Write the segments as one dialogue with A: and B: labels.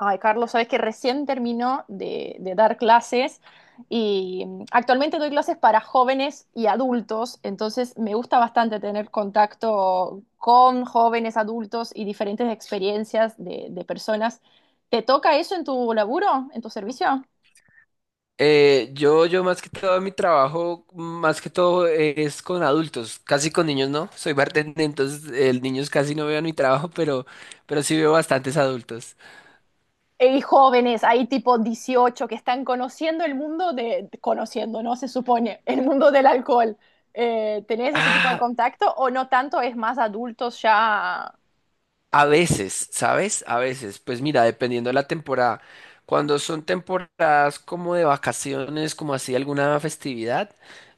A: Ay, Carlos, sabes que recién terminó de dar clases y actualmente doy clases para jóvenes y adultos, entonces me gusta bastante tener contacto con jóvenes, adultos y diferentes experiencias de personas. ¿Te toca eso en tu laburo, en tu servicio?
B: Yo más que todo mi trabajo, más que todo es con adultos, casi con niños no. Soy bartender, entonces el niños casi no veo en mi trabajo, pero sí veo bastantes adultos.
A: Y jóvenes, hay tipo 18 que están conociendo el mundo de, conociendo, ¿no? Se supone, el mundo del alcohol. Tenés ese tipo de
B: Ah,
A: contacto o no tanto? Es más adultos ya.
B: a veces, ¿sabes? A veces, pues mira, dependiendo de la temporada. Cuando son temporadas como de vacaciones, como así alguna festividad,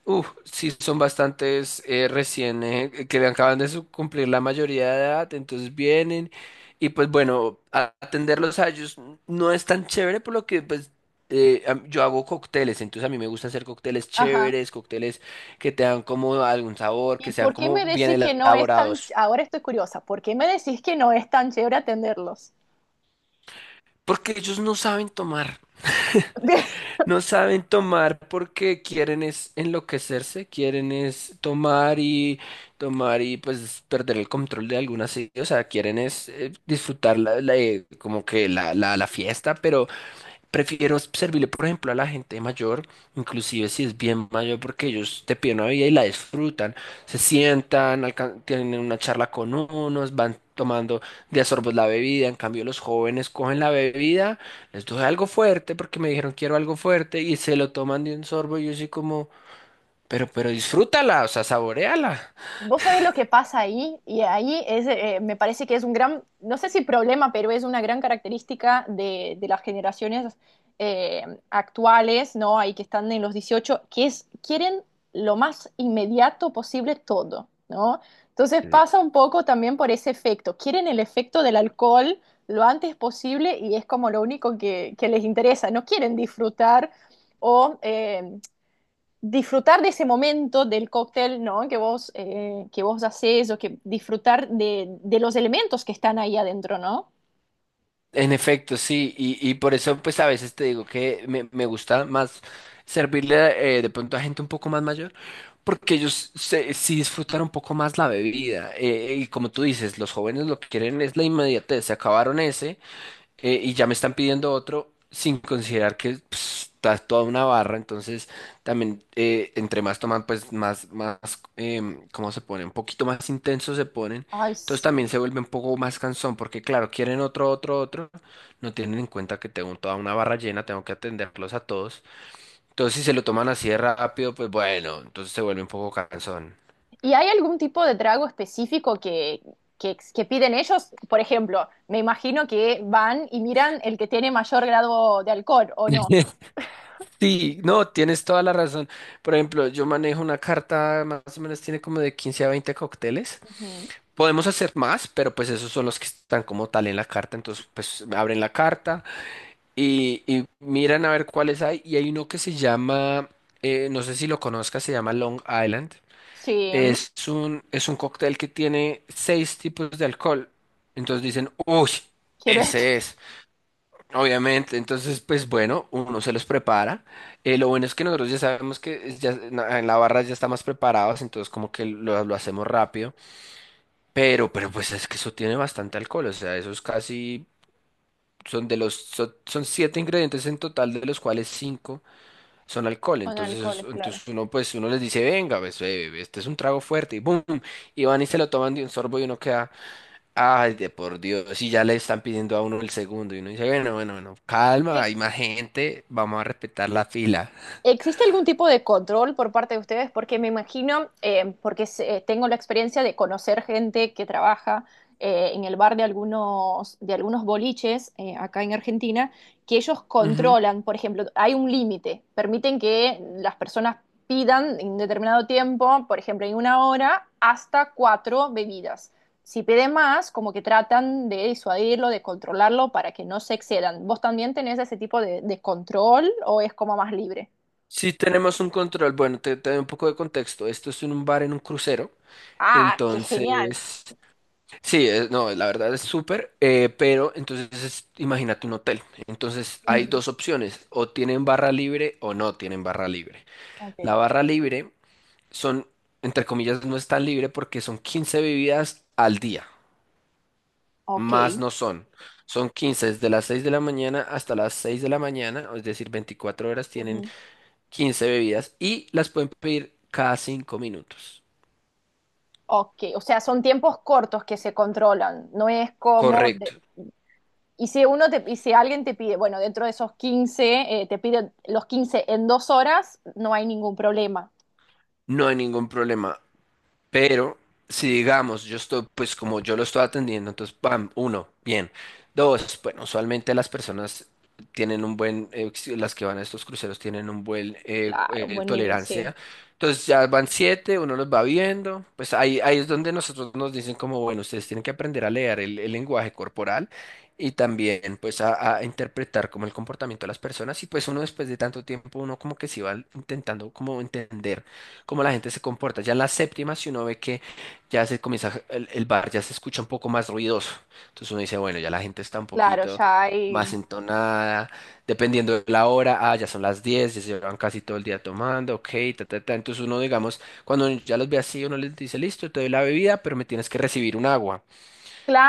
B: uff, sí son bastantes recién que acaban de cumplir la mayoría de edad, entonces vienen y pues bueno, atenderlos a ellos no es tan chévere por lo que pues yo hago cócteles, entonces a mí me gusta hacer cócteles
A: Ajá.
B: chéveres, cócteles que te dan como algún sabor, que
A: ¿Y
B: sean
A: por qué
B: como
A: me
B: bien
A: decís que no es tan,
B: elaborados,
A: ahora estoy curiosa, ¿por qué me decís que no es tan chévere atenderlos?
B: porque ellos no saben tomar. No saben tomar porque quieren es enloquecerse, quieren es tomar y tomar, y pues perder el control de algunas, sí, o sea, quieren es disfrutar como que la fiesta, pero prefiero servirle, por ejemplo, a la gente mayor, inclusive si es bien mayor, porque ellos te piden una vida y la disfrutan. Se sientan, tienen una charla con unos, van tomando de a sorbos la bebida. En cambio, los jóvenes cogen la bebida, les doy algo fuerte porque me dijeron quiero algo fuerte y se lo toman de un sorbo. Y yo soy como, pero disfrútala, o sea, saboréala.
A: Vos sabés lo que pasa ahí, y ahí es, me parece que es un gran, no sé si problema, pero es una gran característica de las generaciones eh, actuales, ¿no? Ahí que están en los 18 que es, quieren lo más inmediato posible todo, ¿no? Entonces pasa un poco también por ese efecto, quieren el efecto del alcohol lo antes posible y es como lo único que les interesa, no quieren disfrutar o... eh, disfrutar de ese momento del cóctel, ¿no? Que vos haces o que disfrutar de los elementos que están ahí adentro, ¿no?
B: En efecto, sí, y por eso pues a veces te digo que me gusta más servirle de pronto a gente un poco más mayor, porque ellos sí disfrutan un poco más la bebida. Y como tú dices, los jóvenes lo que quieren es la inmediatez, se acabaron ese y ya me están pidiendo otro sin considerar que pues, está toda una barra, entonces también entre más toman, pues más, más, ¿cómo se pone? Un poquito más intensos se ponen,
A: Ay,
B: entonces
A: sí.
B: también se vuelve un poco más cansón, porque claro, quieren otro, otro, otro. No tienen en cuenta que tengo toda una barra llena, tengo que atenderlos a todos. Entonces si se lo toman así de rápido, pues bueno, entonces se vuelve un poco cansón.
A: ¿Y hay algún tipo de trago específico que piden ellos? Por ejemplo, me imagino que van y miran el que tiene mayor grado de alcohol, ¿o no?
B: Sí, no, tienes toda la razón. Por ejemplo, yo manejo una carta, más o menos tiene como de 15 a 20 cócteles.
A: Ujú.
B: Podemos hacer más, pero pues esos son los que están como tal en la carta. Entonces, pues abren la carta y miran a ver cuáles hay. Y hay uno que se llama, no sé si lo conozcas, se llama Long Island.
A: Sí,
B: Es un cóctel que tiene seis tipos de alcohol. Entonces dicen, uy,
A: quiero este.
B: ese es. Obviamente, entonces, pues bueno, uno se los prepara. Lo bueno es que nosotros ya sabemos que ya, en la barra ya está más preparados, entonces como que lo hacemos rápido. Pero pues es que eso tiene bastante alcohol, o sea, esos casi son siete ingredientes en total, de los cuales cinco son alcohol.
A: Con
B: Entonces,
A: alcohol, claro.
B: entonces uno, pues, uno les dice, venga, pues, este es un trago fuerte, y boom, y van y se lo toman de un sorbo y uno queda, ay, de por Dios, y ya le están pidiendo a uno el segundo, y uno dice, bueno, bueno, bueno, calma, hay más gente, vamos a respetar la fila.
A: ¿Existe algún tipo de control por parte de ustedes? Porque me imagino, tengo la experiencia de conocer gente que trabaja en el bar de algunos boliches acá en Argentina, que ellos
B: Ujú.
A: controlan, por ejemplo, hay un límite, permiten que las personas pidan en determinado tiempo, por ejemplo, en una hora, hasta cuatro bebidas. Si pide más, como que tratan de disuadirlo, de controlarlo para que no se excedan. ¿Vos también tenés ese tipo de control o es como más libre?
B: Sí tenemos un control. Bueno, te doy un poco de contexto. Esto es en un bar en un crucero.
A: Ah, qué genial.
B: Entonces, sí, no, la verdad es súper, pero entonces imagínate un hotel. Entonces hay
A: Ujú.
B: dos opciones, o tienen barra libre o no tienen barra libre.
A: Ok,
B: La barra libre son, entre comillas, no es tan libre porque son 15 bebidas al día, más
A: ok.
B: no son. Son 15 desde las 6 de la mañana hasta las 6 de la mañana, es decir, 24 horas tienen
A: Ujú.
B: 15 bebidas y las pueden pedir cada 5 minutos.
A: Ok, o sea, son tiempos cortos que se controlan, no es como de-
B: Correcto,
A: Y si uno te, y si alguien te pide, bueno, dentro de esos 15 te piden los 15 en dos horas, no hay ningún problema.
B: no hay ningún problema. Pero si digamos, yo estoy, pues como yo lo estoy atendiendo, entonces, pam, uno, bien. Dos, bueno, usualmente las personas tienen un buen, las que van a estos cruceros tienen un buen
A: Claro, un buen nivel, sí.
B: tolerancia. Entonces ya van siete, uno los va viendo. Pues ahí es donde nosotros nos dicen como, bueno, ustedes tienen que aprender a leer el lenguaje corporal y también pues a interpretar como el comportamiento de las personas. Y pues uno después de tanto tiempo, uno como que se va intentando como entender cómo la gente se comporta. Ya en la séptima, si uno ve que ya se comienza, el bar ya se escucha un poco más ruidoso. Entonces uno dice, bueno, ya la gente está un
A: Claro,
B: poquito
A: ya hay.
B: más entonada, dependiendo de la hora, ah, ya son las 10, ya se llevan casi todo el día tomando, ok, ta, ta, ta. Entonces uno, digamos, cuando ya los ve así, uno les dice, listo, te doy la bebida, pero me tienes que recibir un agua.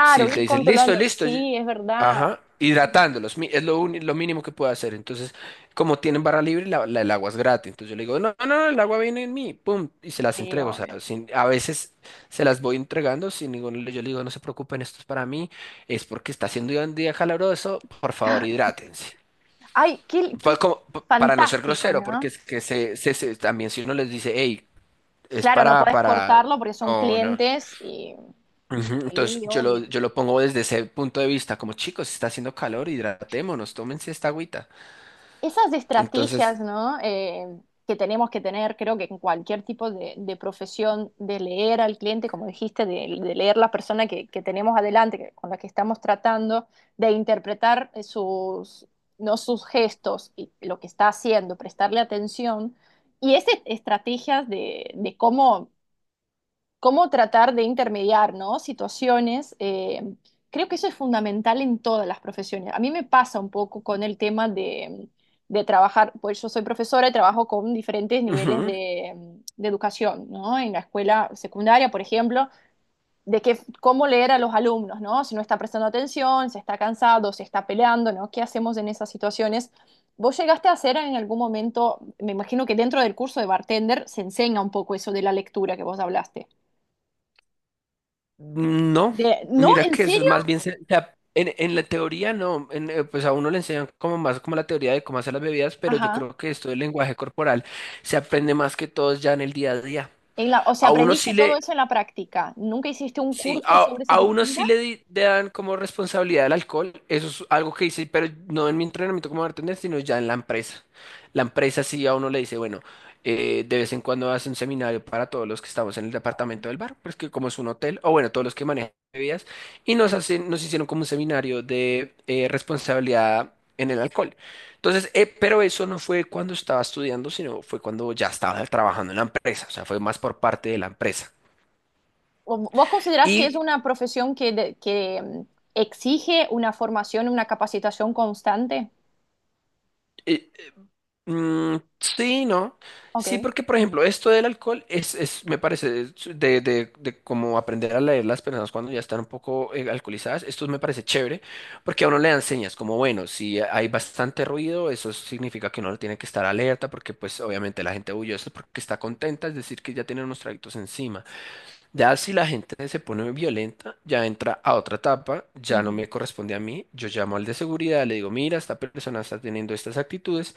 B: Si te
A: ir
B: dicen, listo,
A: controlando.
B: listo,
A: Sí, es verdad.
B: ajá, hidratándolos, es lo, lo mínimo que puedo hacer. Entonces, como tienen barra libre, el agua es gratis. Entonces yo le digo, no, no, no, el agua viene en mí, pum, y se las
A: Sí,
B: entrego. O sea,
A: obvio.
B: a veces se las voy entregando sin ningún, yo le digo, no se preocupen, esto es para mí, es porque está haciendo un día calabroso, por favor, hidrátense.
A: Ay, qué, qué
B: Para no ser
A: fantástico,
B: grosero, porque
A: ¿no?
B: es que también si uno les dice, hey, es
A: Claro, no
B: para,
A: podés
B: para,
A: cortarlo porque son
B: no, no.
A: clientes y
B: Ujú. Entonces
A: sí,
B: yo lo,
A: obvio.
B: yo lo pongo desde ese punto de vista, como chicos, está haciendo calor, hidratémonos, tómense esta agüita.
A: Esas estrategias,
B: Entonces,
A: ¿no? Que tenemos que tener, creo que en cualquier tipo de profesión, de leer al cliente, como dijiste, de leer la persona que tenemos adelante, que- con la que estamos tratando, de interpretar no sus gestos y lo que está haciendo, prestarle atención. Y esas estrategias de cómo cómo tratar de intermediar, ¿no? Situaciones. Creo que eso es fundamental en todas las profesiones. A mí me pasa un poco con el tema de trabajar, pues yo soy profesora y trabajo con diferentes niveles
B: ujú,
A: de educación, ¿no? En la escuela secundaria, por ejemplo, de que, cómo leer a los alumnos, ¿no? Si no está prestando atención, si está cansado, si está peleando, ¿no? ¿Qué hacemos en esas situaciones? ¿Vos llegaste a hacer en algún momento, me imagino que dentro del curso de bartender se enseña un poco eso de la lectura que vos hablaste?
B: no,
A: De, no,
B: mira
A: ¿en
B: que eso es
A: serio?
B: más bien, o sea, en la teoría no, pues a uno le enseñan como más como la teoría de cómo hacer las bebidas, pero yo
A: Ajá.
B: creo que esto del lenguaje corporal se aprende más que todos ya en el día a día.
A: En la, o sea,
B: A uno sí
A: aprendiste todo
B: le,
A: eso en la práctica. ¿Nunca hiciste un
B: Sí,
A: curso
B: a,
A: sobre ese
B: a
A: tipo?
B: uno
A: Mira,
B: sí le, le dan como responsabilidad el alcohol. Eso es algo que hice, pero no en mi entrenamiento como bartender, sino ya en la empresa. La empresa sí a uno le dice, bueno, de vez en cuando hace un seminario para todos los que estamos en el departamento del bar, pues que como es un hotel, o bueno, todos los que manejan bebidas, y nos hicieron como un seminario de responsabilidad en el alcohol. Entonces, pero eso no fue cuando estaba estudiando, sino fue cuando ya estaba trabajando en la empresa, o sea, fue más por parte de la empresa.
A: ¿o ¿vos considerás que es
B: Y
A: una profesión que, exige una formación, una capacitación constante?
B: eh, Mm, sí, no. Sí,
A: Ok.
B: porque por ejemplo, esto del alcohol es me parece, es de como aprender a leer las personas cuando ya están un poco alcoholizadas, esto me parece chévere, porque a uno le dan señas, como bueno, si hay bastante ruido, eso significa que uno no tiene que estar alerta, porque pues obviamente la gente huye, eso es porque está contenta, es decir, que ya tiene unos traguitos encima. Ya si la gente se pone violenta, ya entra a otra etapa, ya no
A: Ujú.
B: me corresponde a mí, yo llamo al de seguridad, le digo, mira, esta persona está teniendo estas actitudes.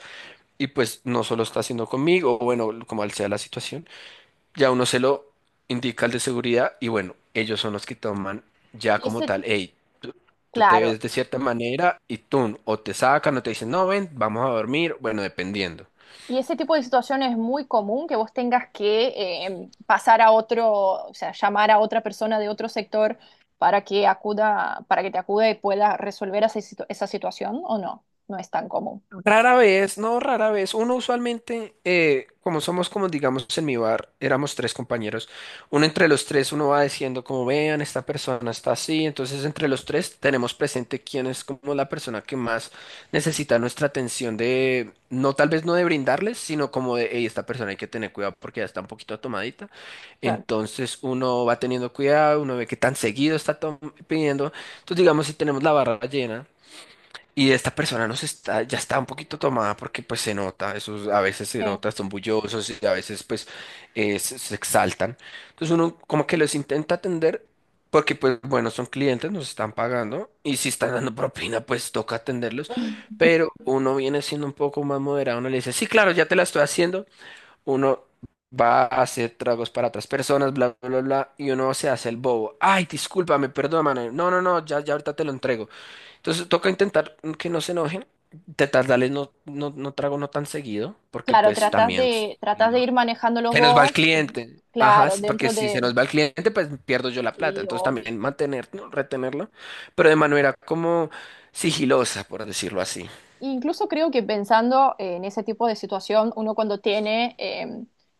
B: Y pues no solo está haciendo conmigo, o bueno, como sea la situación, ya uno se lo indica al de seguridad y bueno, ellos son los que toman ya
A: Y
B: como
A: ese,
B: tal, hey, tú, tú te
A: claro,
B: ves de cierta manera y tú o te sacan o te dicen, no, ven, vamos a dormir, bueno, dependiendo.
A: y ese tipo de situación es muy común que vos tengas que pasar a otro, o sea, llamar a otra persona de otro sector para que acuda, para que te acuda y pueda resolver esa, situ- esa situación, ¿o no? No es tan común.
B: Rara vez, no, rara vez. Uno usualmente, como somos como digamos en mi bar, éramos tres compañeros. Uno entre los tres, uno va diciendo como vean, esta persona está así. Entonces entre los tres tenemos presente quién es como la persona que más necesita nuestra atención de, no, tal vez no de brindarles, sino como de, hey, esta persona hay que tener cuidado porque ya está un poquito tomadita.
A: Claro.
B: Entonces uno va teniendo cuidado, uno ve qué tan seguido está pidiendo. Entonces digamos si tenemos la barra llena. Y esta persona ya está un poquito tomada porque pues se nota, esos a veces se
A: Sí,
B: nota, son bullosos y a veces pues se exaltan. Entonces uno como que los intenta atender porque pues bueno, son clientes, nos están pagando y si están dando propina pues toca atenderlos, pero uno viene siendo un poco más moderado, uno le dice, sí, claro, ya te la estoy haciendo, uno va a hacer tragos para otras personas, bla, bla, bla, bla, y uno se hace el bobo. Ay, discúlpame, perdóname, no, no, no, ya ahorita te lo entrego. Entonces toca intentar que no se enojen, intentar darles no, no, no trago no tan seguido, porque
A: claro,
B: pues también si
A: tratas de
B: no,
A: ir manejándolos
B: se nos va el
A: vos,
B: cliente. Ajá,
A: claro,
B: sí, porque
A: dentro
B: si se
A: de...
B: nos va el cliente, pues pierdo yo la plata.
A: Sí,
B: Entonces
A: obvio.
B: también mantener, ¿no?, retenerlo, pero de manera como sigilosa, por decirlo así.
A: Incluso creo que pensando en ese tipo de situación, uno cuando tiene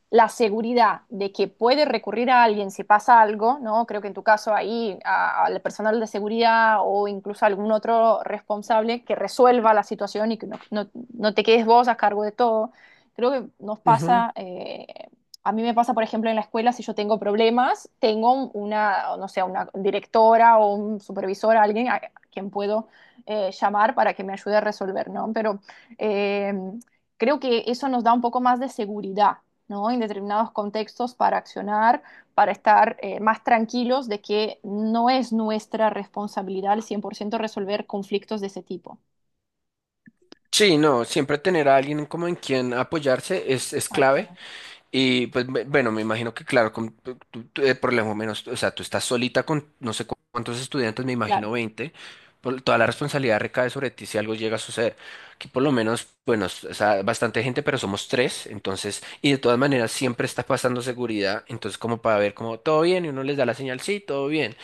A: la seguridad de que puede recurrir a alguien si pasa algo, ¿no? Creo que en tu caso ahí a- al personal de seguridad o incluso algún otro responsable que resuelva la situación y que no, no- no te quedes vos a cargo de todo. Creo que nos
B: Ujú.
A: pasa, a mí me pasa, por ejemplo, en la escuela, si yo tengo problemas, tengo una, no sé, una directora o un supervisor, alguien a quien puedo llamar para que me ayude a resolver, ¿no? Pero eh, creo que eso nos da un poco más de seguridad, ¿no? En determinados contextos para accionar, para estar más tranquilos de que no es nuestra responsabilidad al 100% resolver conflictos de ese tipo.
B: Sí, no, siempre tener a alguien como en quien apoyarse es clave.
A: Exacto.
B: Y pues bueno, me imagino que claro, por lo menos, o sea, tú estás solita con no sé cuántos estudiantes, me
A: Claro.
B: imagino 20. Toda la responsabilidad recae sobre ti si algo llega a suceder. Aquí por lo menos, bueno, o sea, bastante gente, pero somos tres, entonces, y de todas maneras siempre está pasando seguridad, entonces como para ver como todo bien y uno les da la señal, sí, todo bien.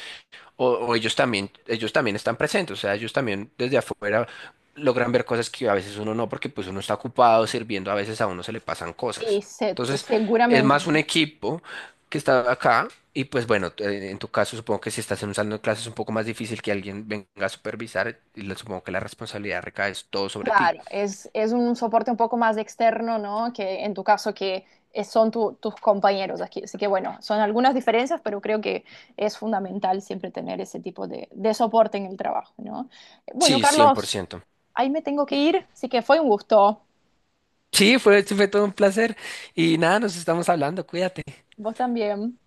B: O ellos también están presentes, o sea, ellos también desde afuera logran ver cosas que a veces uno no, porque pues uno está ocupado sirviendo, a veces a uno se le pasan cosas.
A: Exacto,
B: Entonces, es
A: seguramente.
B: más
A: ¿No?
B: un equipo que está acá y pues bueno, en tu caso supongo que si estás en un salón de clases es un poco más difícil que alguien venga a supervisar y supongo que la responsabilidad recae es todo sobre ti.
A: Claro, es un soporte un poco más externo, ¿no? Que en tu caso que es- son tu- tus compañeros aquí. Así que bueno, son algunas diferencias, pero creo que es fundamental siempre tener ese tipo de soporte en el trabajo, ¿no? Bueno,
B: Sí, cien por
A: Carlos,
B: ciento
A: ahí me tengo que ir, así que fue un gusto.
B: Sí, fue todo un placer y nada, nos estamos hablando, cuídate.
A: Vos también.